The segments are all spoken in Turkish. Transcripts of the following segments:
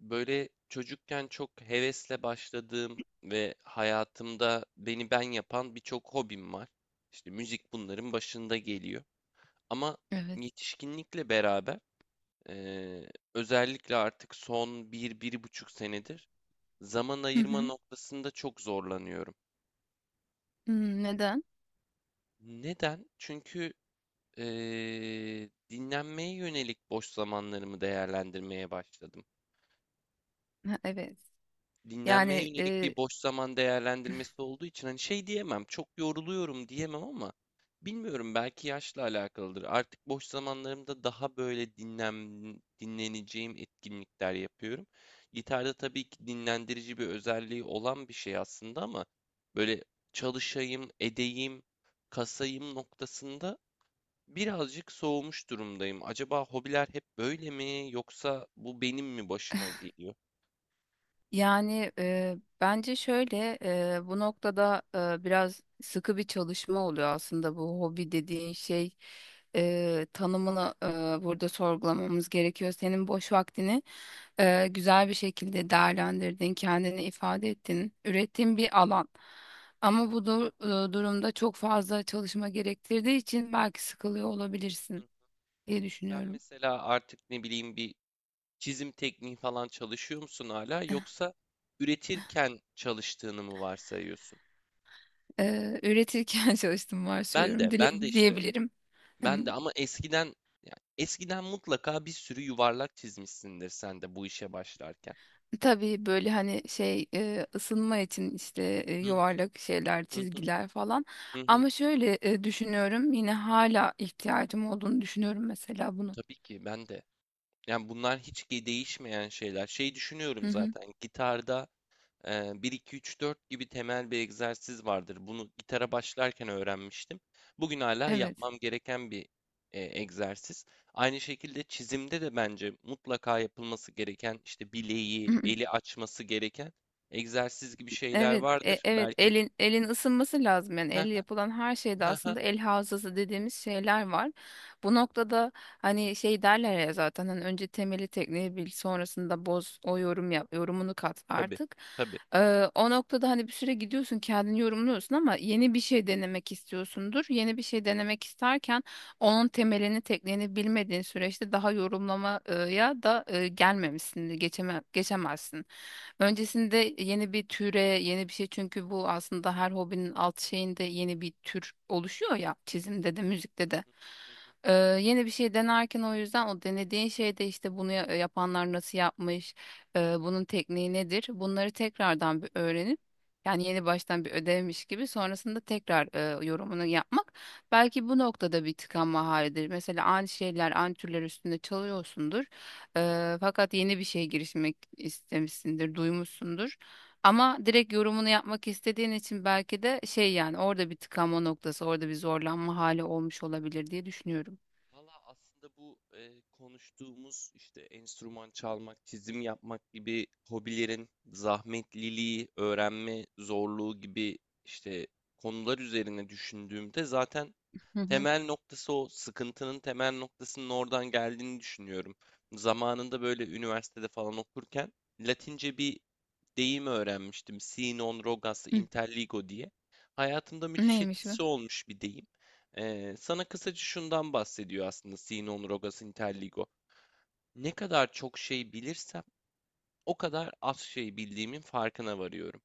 Böyle çocukken çok hevesle başladığım ve hayatımda beni ben yapan birçok hobim var. İşte müzik bunların başında geliyor. Ama Evet. yetişkinlikle beraber özellikle artık son bir buçuk senedir zaman Hı ayırma hı. noktasında çok zorlanıyorum. Hmm, neden? Neden? Çünkü dinlenmeye yönelik boş zamanlarımı değerlendirmeye başladım. Ha, evet. Dinlenmeye Yani yönelik e, bir boş zaman değerlendirmesi olduğu için hani şey diyemem, çok yoruluyorum diyemem ama bilmiyorum, belki yaşla alakalıdır. Artık boş zamanlarımda daha böyle dinleneceğim etkinlikler yapıyorum. Gitarda tabii ki dinlendirici bir özelliği olan bir şey aslında ama böyle çalışayım, edeyim, kasayım noktasında birazcık soğumuş durumdayım. Acaba hobiler hep böyle mi yoksa bu benim mi başıma geliyor? yani bence şöyle, bu noktada biraz sıkı bir çalışma oluyor aslında bu hobi dediğin şey. Tanımını burada sorgulamamız gerekiyor. Senin boş vaktini güzel bir şekilde değerlendirdin, kendini ifade ettin, ürettiğin bir alan. Ama bu durumda çok fazla çalışma gerektirdiği için belki sıkılıyor olabilirsin diye Sen düşünüyorum. mesela artık ne bileyim bir çizim tekniği falan çalışıyor musun hala, yoksa üretirken çalıştığını mı varsayıyorsun? Üretirken çalıştım Ben varsayıyorum de ben de işte diyebilirim. ben Em, de ama eskiden, yani eskiden mutlaka bir sürü yuvarlak çizmişsindir sen de bu işe başlarken. Tabii böyle hani şey ısınma için işte Hı yuvarlak şeyler, hı. Hı çizgiler falan. hı. Hı. Ama şöyle düşünüyorum, yine hala ihtiyacım olduğunu düşünüyorum mesela bunu. Tabii ki ben de. Yani bunlar hiç ki değişmeyen şeyler. Şey Hı düşünüyorum, hı, zaten gitarda bir 2 3 4 gibi temel bir egzersiz vardır. Bunu gitara başlarken öğrenmiştim. Bugün hala evet. yapmam gereken bir egzersiz. Aynı şekilde çizimde de bence mutlaka yapılması gereken, işte bileği, eli açması gereken egzersiz gibi şeyler Evet, vardır. evet, Belki elin ısınması lazım, yani elle yapılan her şeyde aslında el hafızası dediğimiz şeyler var. Bu noktada hani şey derler ya, zaten hani önce temeli tekniği bil, sonrasında boz o yorum yap, yorumunu kat tabii, artık. tabii. O noktada hani bir süre gidiyorsun, kendini yorumluyorsun ama yeni bir şey denemek istiyorsundur. Yeni bir şey denemek isterken onun temelini tekniğini bilmediğin süreçte daha yorumlamaya da gelmemişsin, geçemezsin. Öncesinde yeni bir türe, yeni bir şey, çünkü bu aslında her hobinin alt şeyinde yeni bir tür oluşuyor Hı, ya, çizimde de müzikte hı, de. hı, hı, hı, hı. Yeni bir şey denerken o yüzden o denediğin şeyde işte bunu yapanlar nasıl yapmış, bunun tekniği nedir? Bunları tekrardan bir öğrenip, yani yeni baştan bir ödevmiş gibi sonrasında tekrar yorumunu yapmak, belki bu noktada bir tıkanma halidir. Mesela aynı şeyler, aynı türler üstünde çalıyorsundur. Fakat yeni bir şeye girişmek istemişsindir, duymuşsundur. Ama direkt yorumunu yapmak istediğin için belki de şey, yani orada bir tıkanma noktası, orada bir zorlanma hali olmuş olabilir diye düşünüyorum. Valla aslında bu konuştuğumuz işte enstrüman çalmak, çizim yapmak gibi hobilerin zahmetliliği, öğrenme zorluğu gibi işte konular üzerine düşündüğümde, zaten Hı hı. temel noktası, o sıkıntının temel noktasının oradan geldiğini düşünüyorum. Zamanında böyle üniversitede falan okurken Latince bir deyim öğrenmiştim. Si non rogas Hı. interligo diye. Hayatımda müthiş Neymiş bu? etkisi olmuş bir deyim. Sana kısaca şundan bahsediyor aslında, si non rogas interligo. Ne kadar çok şey bilirsem, o kadar az şey bildiğimin farkına varıyorum.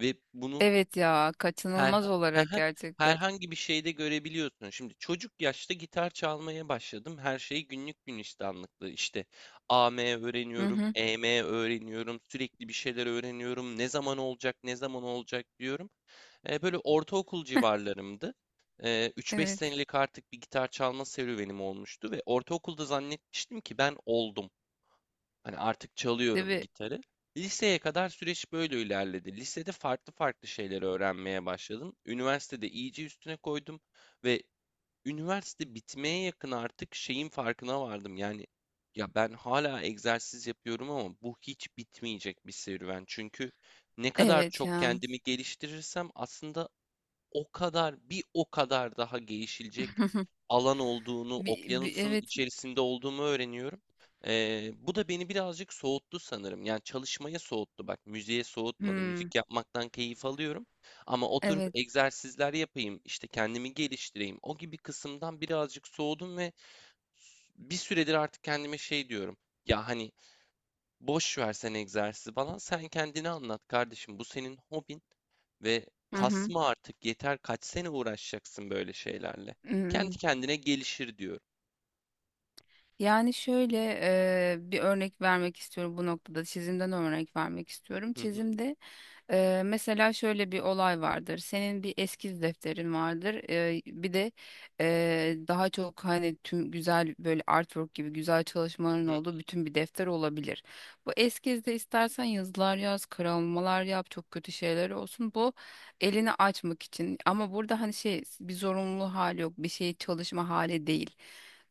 Ve bunu Evet ya, Herhan kaçınılmaz olarak gerçekten. herhangi bir şeyde görebiliyorsun. Şimdi çocuk yaşta gitar çalmaya başladım. Her şey günlük günistanlıktı. İşte A M Hı öğreniyorum, hı. E M öğreniyorum, sürekli bir şeyler öğreniyorum. Ne zaman olacak, ne zaman olacak diyorum. Böyle ortaokul civarlarımdı. 3-5 Evet. senelik artık bir gitar çalma serüvenim olmuştu ve ortaokulda zannetmiştim ki ben oldum. Hani artık Değil çalıyorum mi? gitarı. Liseye kadar süreç böyle ilerledi. Lisede farklı farklı şeyleri öğrenmeye başladım. Üniversitede iyice üstüne koydum ve üniversite bitmeye yakın artık şeyin farkına vardım. Yani ya ben hala egzersiz yapıyorum ama bu hiç bitmeyecek bir serüven. Çünkü ne kadar Evet çok ya. kendimi geliştirirsem aslında, o kadar bir o kadar daha gelişilecek alan olduğunu, okyanusun evet. içerisinde olduğumu öğreniyorum. Bu da beni birazcık soğuttu sanırım. Yani çalışmaya soğuttu. Bak, müziğe soğutmadı. Hmm. Müzik yapmaktan keyif alıyorum. Ama oturup Evet. egzersizler yapayım, işte kendimi geliştireyim, o gibi kısımdan birazcık soğudum ve bir süredir artık kendime şey diyorum. Ya hani boş versen egzersizi falan, sen kendini anlat kardeşim. Bu senin hobin ve Hı hı. kasma artık, yeter, kaç sene uğraşacaksın böyle şeylerle. Kendi Hmm. kendine gelişir, diyorum. Yani şöyle, bir örnek vermek istiyorum bu noktada. Çizimden örnek vermek istiyorum. Hı hı. Çizimde, mesela şöyle bir olay vardır. Senin bir eskiz defterin vardır. Bir de daha çok hani tüm güzel böyle artwork gibi güzel çalışmaların Hı. olduğu bütün bir defter olabilir. Bu eskizde istersen yazılar yaz, karalamalar yap, çok kötü şeyler olsun. Bu elini açmak için. Ama burada hani şey, bir zorunlu hali yok, bir şey çalışma hali değil.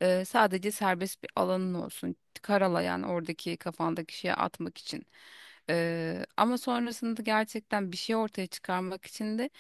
Sadece serbest bir alanın olsun. Karalayan oradaki kafandaki şeye atmak için. Ama sonrasında gerçekten bir şey ortaya çıkarmak için de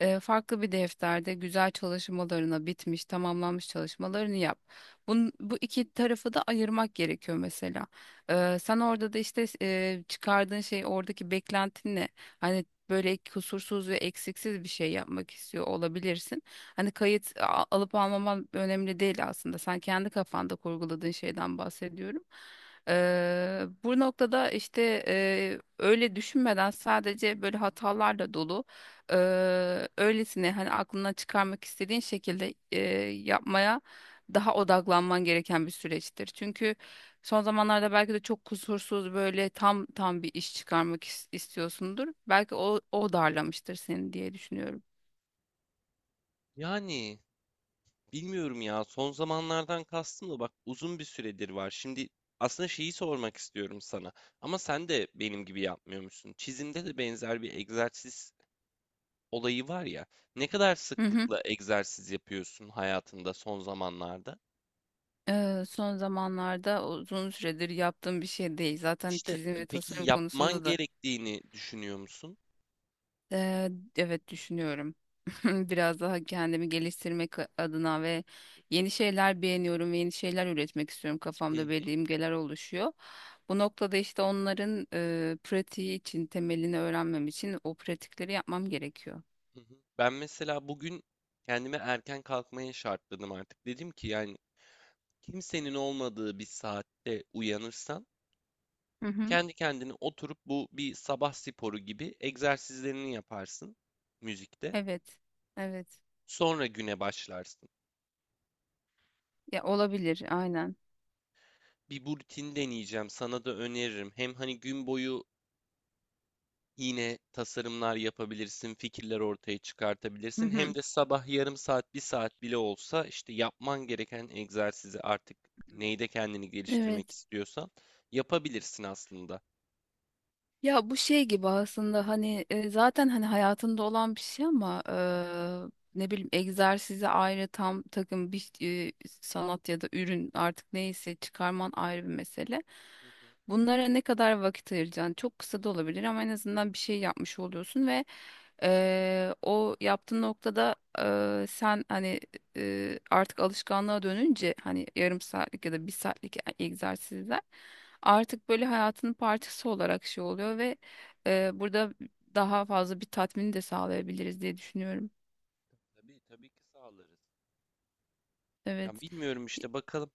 farklı bir defterde güzel çalışmalarına bitmiş, tamamlanmış çalışmalarını yap. Bu iki tarafı da ayırmak gerekiyor mesela. Sen orada da işte çıkardığın şey, oradaki beklentin ne? Hani böyle kusursuz ve eksiksiz bir şey yapmak istiyor olabilirsin. Hani kayıt alıp almaman önemli değil aslında. Sen kendi kafanda kurguladığın şeyden bahsediyorum. Bu noktada işte öyle düşünmeden, sadece böyle hatalarla dolu, öylesine hani aklından çıkarmak istediğin şekilde yapmaya daha odaklanman gereken bir süreçtir. Çünkü son zamanlarda belki de çok kusursuz, böyle tam bir iş çıkarmak istiyorsundur. Belki o darlamıştır seni diye düşünüyorum. Yani bilmiyorum ya, son zamanlardan kastım da bak uzun bir süredir var. Şimdi aslında şeyi sormak istiyorum sana. Ama sen de benim gibi yapmıyormuşsun. Çizimde de benzer bir egzersiz olayı var ya. Ne kadar Hı hı. sıklıkla egzersiz yapıyorsun hayatında son zamanlarda? Son zamanlarda uzun süredir yaptığım bir şey değil. Zaten İşte, çizim ve peki tasarım yapman konusunda da gerektiğini düşünüyor musun? Ee, evet, düşünüyorum. Biraz daha kendimi geliştirmek adına, ve yeni şeyler beğeniyorum ve yeni şeyler üretmek istiyorum. Hı Kafamda hı. belli imgeler oluşuyor. Bu noktada işte onların pratiği için, temelini öğrenmem için o pratikleri yapmam gerekiyor. Hı. Ben mesela bugün kendime erken kalkmaya şartladım artık. Dedim ki yani, kimsenin olmadığı bir saatte uyanırsan Hı hı. kendi kendine oturup bu bir sabah sporu gibi egzersizlerini yaparsın müzikte. Evet. Evet. Sonra güne başlarsın. Ya olabilir, aynen. Bir, bu rutin deneyeceğim, sana da öneririm. Hem hani gün boyu yine tasarımlar yapabilirsin, fikirler ortaya Hı çıkartabilirsin. Hem hı. de sabah yarım saat, bir saat bile olsa işte yapman gereken egzersizi artık, neyde kendini geliştirmek Evet. istiyorsan, yapabilirsin aslında. Ya bu şey gibi aslında, hani zaten hani hayatında olan bir şey ama ne bileyim, egzersize ayrı, tam takım bir e, sanat ya da ürün artık neyse çıkarman ayrı bir mesele. Hı hı. Bunlara ne kadar vakit ayıracaksın? Çok kısa da olabilir ama en azından bir şey yapmış oluyorsun. Ve o yaptığın noktada sen hani artık alışkanlığa dönünce hani yarım saatlik ya da bir saatlik egzersizler artık böyle hayatının parçası olarak şey oluyor ve burada daha fazla bir tatmini de sağlayabiliriz diye düşünüyorum. Tabii, tabii ki sağlarız. Ya Evet. bilmiyorum işte, bakalım.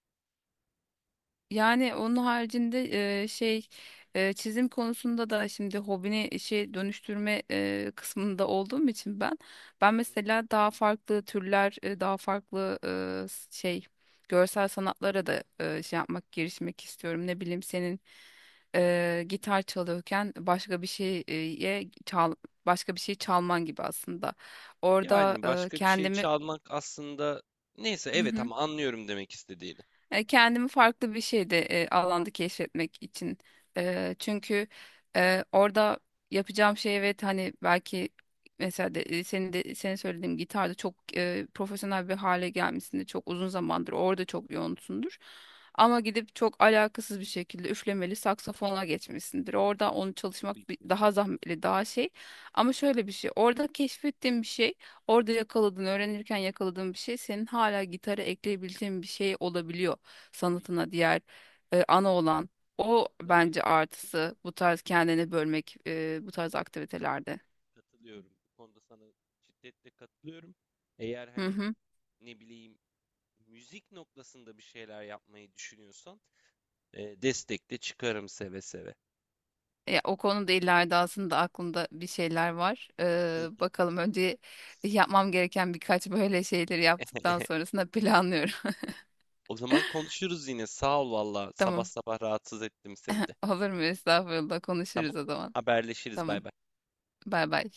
Yani onun haricinde şey, çizim konusunda da, şimdi hobini şey dönüştürme kısmında olduğum için ben Hı ben hı. mesela daha farklı türler, daha farklı şey, görsel sanatlara da şey yapmak, girişmek istiyorum. Ne bileyim, senin gitar çalıyorken başka bir şeye çal başka bir şey çalman gibi aslında. Orada Yani başka bir şey kendimi çalmak aslında, neyse, evet, ama anlıyorum demek istediğini. Kendimi farklı bir şeyde, alanda keşfetmek için. Çünkü orada yapacağım şey, evet hani, belki mesela senin de, senin söylediğim gitarda çok profesyonel bir hale gelmesinde çok uzun zamandır orada çok yoğunsundur. Ama gidip çok alakasız bir şekilde üflemeli saksafona geçmişsindir. Tabii, Orada tabii. onu Tabii çalışmak ki. daha zahmetli, daha şey. Ama şöyle bir şey, orada keşfettiğim bir şey, orada yakaladığın, öğrenirken yakaladığın bir şey senin Hı hala hı. gitara ekleyebileceğin bir şey olabiliyor, Tabii ki. sanatına, diğer ana olan, o Tabii ki. bence artısı bu tarz kendini bölmek, bu tarz aktivitelerde. Katılıyorum. Bu konuda sana şiddetle katılıyorum. Eğer Hı hani hı. ne bileyim müzik noktasında bir şeyler yapmayı düşünüyorsan, destek çıkarım seve seve. Ya, o konuda ileride aslında aklımda bir şeyler var. Bakalım, önce yapmam gereken birkaç böyle şeyleri yaptıktan sonrasında planlıyorum. O zaman konuşuruz yine. Sağ ol valla. Sabah Tamam. sabah rahatsız ettim seni de. Olur mu? Estağfurullah, Tamam. konuşuruz o zaman. Haberleşiriz. Tamam. Bay bay. Bay bay.